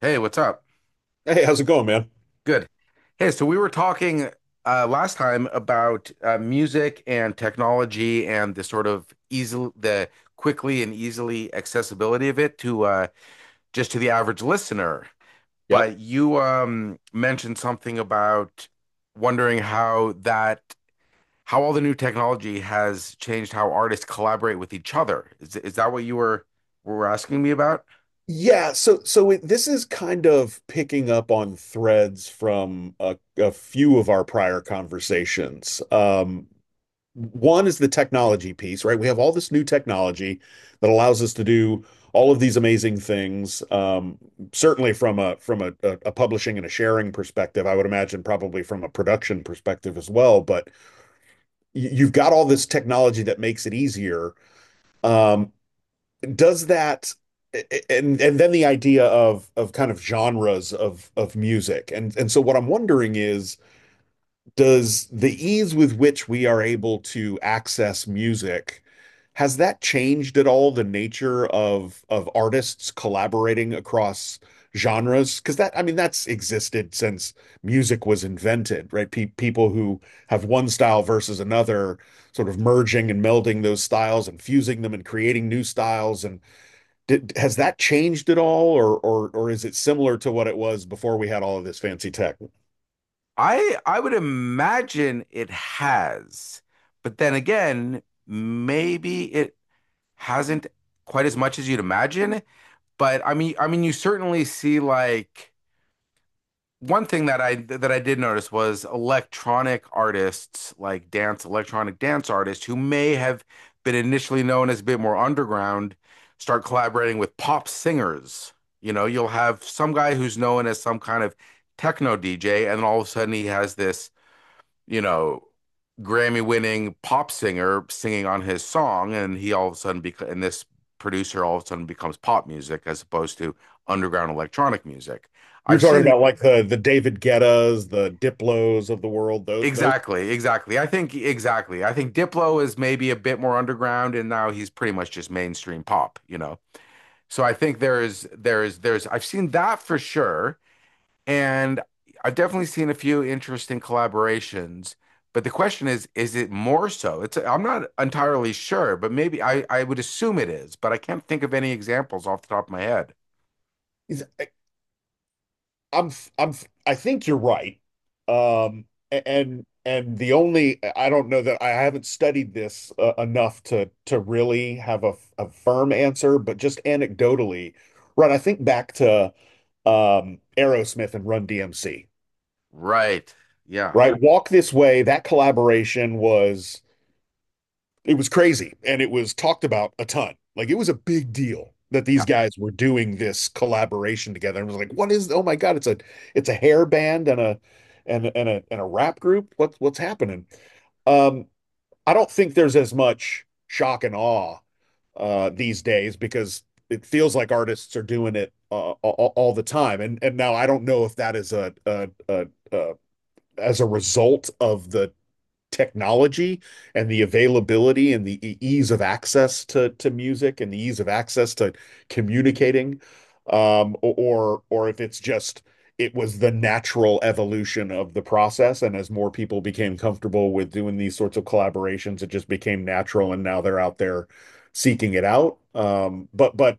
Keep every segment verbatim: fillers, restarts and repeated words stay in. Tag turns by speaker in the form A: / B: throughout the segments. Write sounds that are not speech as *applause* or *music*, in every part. A: Hey, what's up?
B: Hey, how's it going, man?
A: Good. Hey, so we were talking uh, last time about uh, music and technology and the sort of easily the quickly and easily accessibility of it to uh, just to the average listener.
B: Yep.
A: But you um, mentioned something about wondering how that how all the new technology has changed how artists collaborate with each other. Is is that what you were were asking me about?
B: Yeah, so so it, this is kind of picking up on threads from a, a few of our prior conversations. Um, one is the technology piece, right? We have all this new technology that allows us to do all of these amazing things. Um, certainly from a from a, a, a publishing and a sharing perspective, I would imagine probably from a production perspective as well. But y- you've got all this technology that makes it easier. Um, does that and and then the idea of of kind of genres of of music. and and so what I'm wondering is does the ease with which we are able to access music, has that changed at all the nature of of artists collaborating across genres? Because that, I mean, that's existed since music was invented, right? Pe People who have one style versus another, sort of merging and melding those styles and fusing them and creating new styles and did, has that changed at all, or or or is it similar to what it was before we had all of this fancy tech?
A: I I would imagine it has, but then again, maybe it hasn't quite as much as you'd imagine. But I mean, I mean, you certainly see like one thing that I that I did notice was electronic artists, like dance electronic dance artists, who may have been initially known as a bit more underground, start collaborating with pop singers. You know, you'll have some guy who's known as some kind of techno D J, and all of a sudden he has this you know, Grammy winning pop singer singing on his song, and he all of a sudden beca- and this producer all of a sudden becomes pop music as opposed to underground electronic music.
B: You're
A: I've
B: talking
A: seen
B: about like the the David Guettas, the Diplos of the world. Those those.
A: exactly, exactly. I think exactly. I think Diplo is maybe a bit more underground, and now he's pretty much just mainstream pop, you know. So I think there is there is there's I've seen that for sure. And I've definitely seen a few interesting collaborations, but the question is, is it more so? It's I'm not entirely sure, but maybe I, I would assume it is, but I can't think of any examples off the top of my head.
B: I'm I'm I think you're right. Um, and and the only, I don't know, that I haven't studied this uh, enough to to really have a, a firm answer, but just anecdotally, right? I think back to um, Aerosmith and Run D M C,
A: Right. Yeah.
B: right? Walk This Way, that collaboration was, it was crazy and it was talked about a ton. Like it was a big deal that these
A: Yeah.
B: guys were doing this collaboration together. And it was like, what is, oh my God, it's a it's a hair band and a and and a and a rap group. What's what's happening? Um, I don't think there's as much shock and awe uh these days because it feels like artists are doing it uh, all, all the time. And and now I don't know if that is a, a, a, a as a result of the technology and the availability and the e-, ease of access to to music and the ease of access to communicating, um, or or if it's just, it was the natural evolution of the process, and as more people became comfortable with doing these sorts of collaborations, it just became natural, and now they're out there seeking it out. Um, but but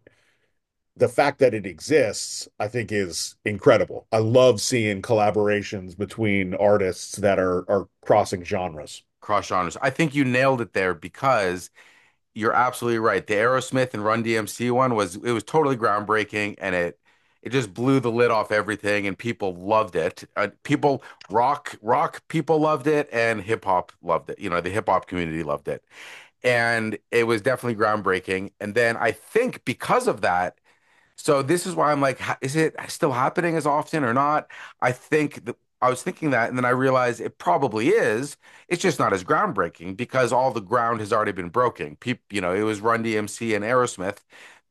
B: the fact that it exists, I think, is incredible. I love seeing collaborations between artists that are are crossing genres.
A: Cross genres. I think you nailed it there because you're absolutely right. The Aerosmith and Run D M C one was it was totally groundbreaking and it it just blew the lid off everything and people loved it. Uh, people rock rock people loved it and hip hop loved it. You know, the hip hop community loved it. And it was definitely groundbreaking. And then I think because of that, so this is why I'm like, ha- is it still happening as often or not? I think that I was thinking that, and then I realized it probably is. It's just not as groundbreaking because all the ground has already been broken. People, you know, it was Run D M C and Aerosmith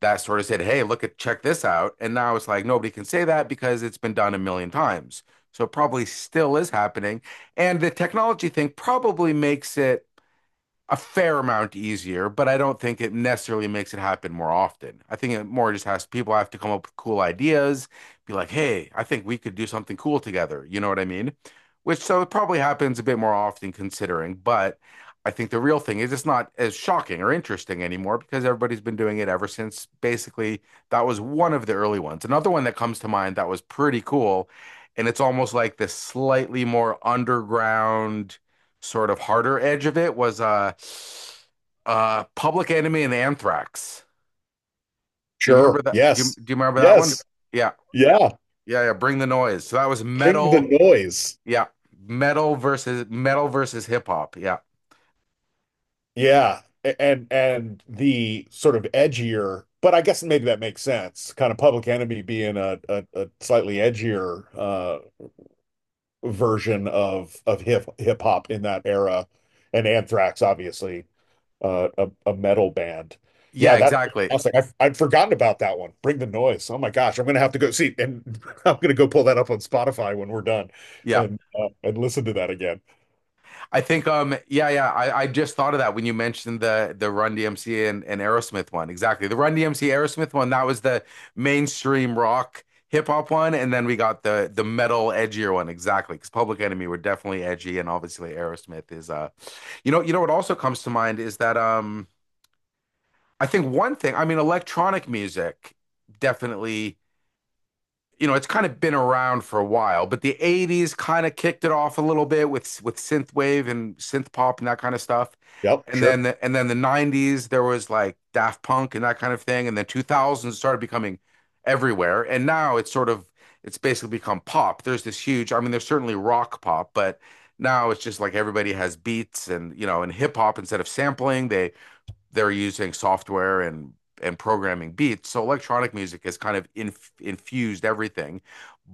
A: that sort of said, "Hey, look at check this out," and now it's like nobody can say that because it's been done a million times. So it probably still is happening, and the technology thing probably makes it a fair amount easier, but I don't think it necessarily makes it happen more often. I think it more just has people have to come up with cool ideas, be like, hey, I think we could do something cool together. You know what I mean? Which so it probably happens a bit more often considering, but I think the real thing is it's not as shocking or interesting anymore because everybody's been doing it ever since basically that was one of the early ones. Another one that comes to mind that was pretty cool, and it's almost like this slightly more underground sort of harder edge of it was uh uh Public Enemy and Anthrax. Do you remember
B: Sure.
A: that? Do you,
B: Yes.
A: do you remember that one?
B: Yes.
A: Yeah.
B: Yeah.
A: Yeah, yeah, Bring the Noise. So that was
B: Thing the
A: metal,
B: noise.
A: yeah. Metal versus metal versus hip hop. Yeah.
B: Yeah. A- And and the sort of edgier, but I guess maybe that makes sense. Kind of Public Enemy being a a, a slightly edgier uh version of of hip hip hop in that era, and Anthrax obviously, uh, a a metal band. Yeah,
A: Yeah,
B: that's
A: exactly.
B: fantastic. I've I'd forgotten about that one. Bring the noise. Oh my gosh, I'm gonna have to go see, and *laughs* I'm gonna go pull that up on Spotify when we're done,
A: Yeah.
B: and uh, and listen to that again.
A: I think um yeah yeah I, I just thought of that when you mentioned the the Run D M C and, and Aerosmith one, exactly the Run D M C Aerosmith one that was the mainstream rock hip hop one, and then we got the the metal edgier one, exactly because Public Enemy were definitely edgy and obviously Aerosmith is uh you know. You know what also comes to mind is that um I think one thing, I mean electronic music definitely, you know, it's kind of been around for a while, but the eighties kind of kicked it off a little bit with with synthwave and synth pop and that kind of stuff.
B: Yep,
A: And then
B: sure.
A: the, and then the nineties there was like Daft Punk and that kind of thing, and then two thousands started becoming everywhere. And now it's sort of it's basically become pop. There's this huge, I mean, there's certainly rock pop, but now it's just like everybody has beats and, you know, and hip hop instead of sampling, they they're using software and and programming beats. So electronic music has kind of inf infused everything.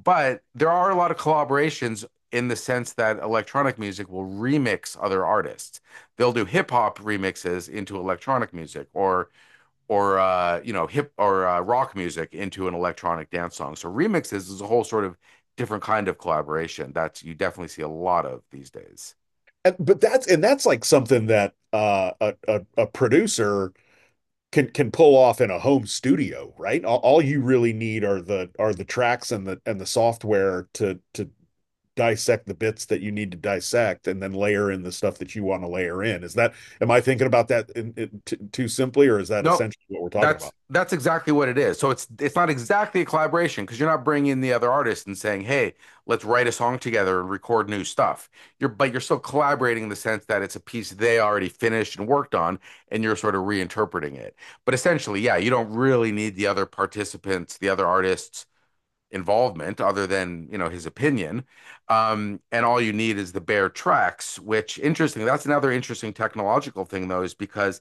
A: But there are a lot of collaborations in the sense that electronic music will remix other artists. They'll do hip hop remixes into electronic music or or uh, you know hip or uh, rock music into an electronic dance song. So remixes is a whole sort of different kind of collaboration that you definitely see a lot of these days.
B: And, but that's, and that's like something that uh, a, a a producer can can pull off in a home studio, right? All, all you really need are the are the tracks and the and the software to to dissect the bits that you need to dissect and then layer in the stuff that you want to layer in. Is that, am I thinking about that in, in, t too simply, or is that
A: No,
B: essentially what we're talking
A: that's
B: about?
A: that's exactly what it is. So it's it's not exactly a collaboration because you're not bringing in the other artist and saying, "Hey, let's write a song together and record new stuff." You're but you're still collaborating in the sense that it's a piece they already finished and worked on, and you're sort of reinterpreting it. But essentially, yeah, you don't really need the other participants, the other artists' involvement, other than you know his opinion. Um, and all you need is the bare tracks, which interesting. That's another interesting technological thing though, is because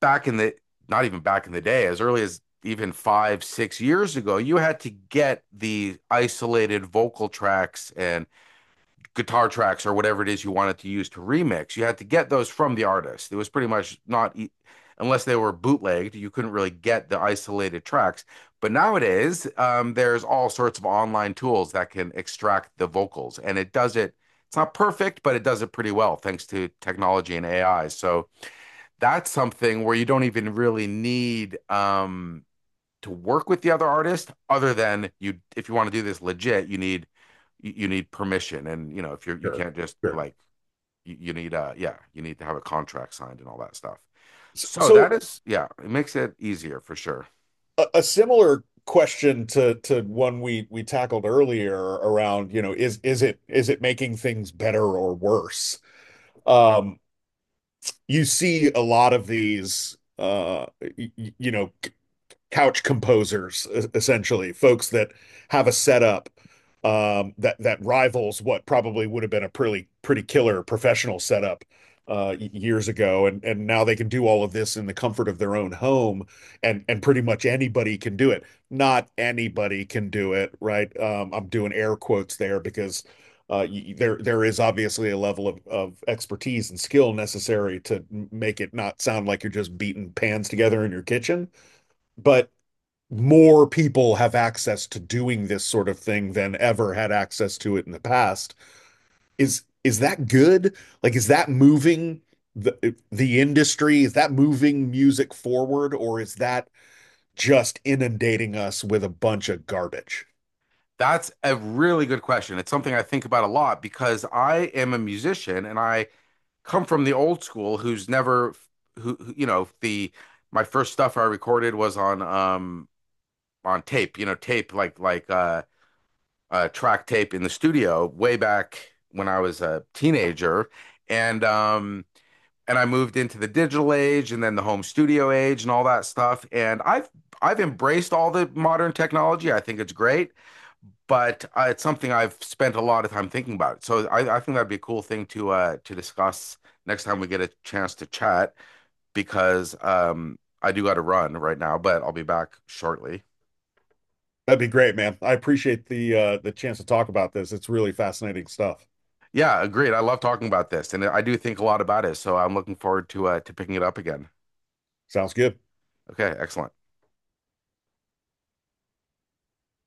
A: back in the not even back in the day, as early as even five, six years ago, you had to get the isolated vocal tracks and guitar tracks or whatever it is you wanted to use to remix. You had to get those from the artist. It was pretty much not, e- unless they were bootlegged, you couldn't really get the isolated tracks. But nowadays, um, there's all sorts of online tools that can extract the vocals, and it does it. It's not perfect, but it does it pretty well thanks to technology and A I. So, that's something where you don't even really need um to work with the other artist other than you if you want to do this legit you need you need permission and you know if you're you
B: Sure,
A: can't just
B: sure.
A: like you, you need uh yeah you need to have a contract signed and all that stuff so that
B: So,
A: is yeah it makes it easier for sure.
B: A a similar question to to one we we tackled earlier around, you know, is is it, is it making things better or worse? Um, You see a lot of these, uh, you you know, couch composers, e- essentially, folks that have a setup um, that that rivals what probably would have been a pretty pretty killer professional setup uh, years ago, and and now they can do all of this in the comfort of their own home, and and pretty much anybody can do it. Not anybody can do it, right? Um, I'm doing air quotes there because. Uh, there, there is obviously a level of, of expertise and skill necessary to make it not sound like you're just beating pans together in your kitchen. But more people have access to doing this sort of thing than ever had access to it in the past. Is is that good? Like, is that moving the the industry? Is that moving music forward, or is that just inundating us with a bunch of garbage?
A: That's a really good question. It's something I think about a lot because I am a musician and I come from the old school who's never who who- you know the my first stuff I recorded was on um on tape, you know, tape like like uh, uh track tape in the studio way back when I was a teenager, and um and I moved into the digital age and then the home studio age and all that stuff, and I've I've embraced all the modern technology. I think it's great, but uh, it's something I've spent a lot of time thinking about. So I, I think that'd be a cool thing to uh, to discuss next time we get a chance to chat because um, I do got to run right now, but I'll be back shortly.
B: That'd be great, man. I appreciate the uh, the chance to talk about this. It's really fascinating stuff.
A: Yeah, agreed. I love talking about this, and I do think a lot about it, so I'm looking forward to uh to picking it up again.
B: Sounds good.
A: Okay, excellent.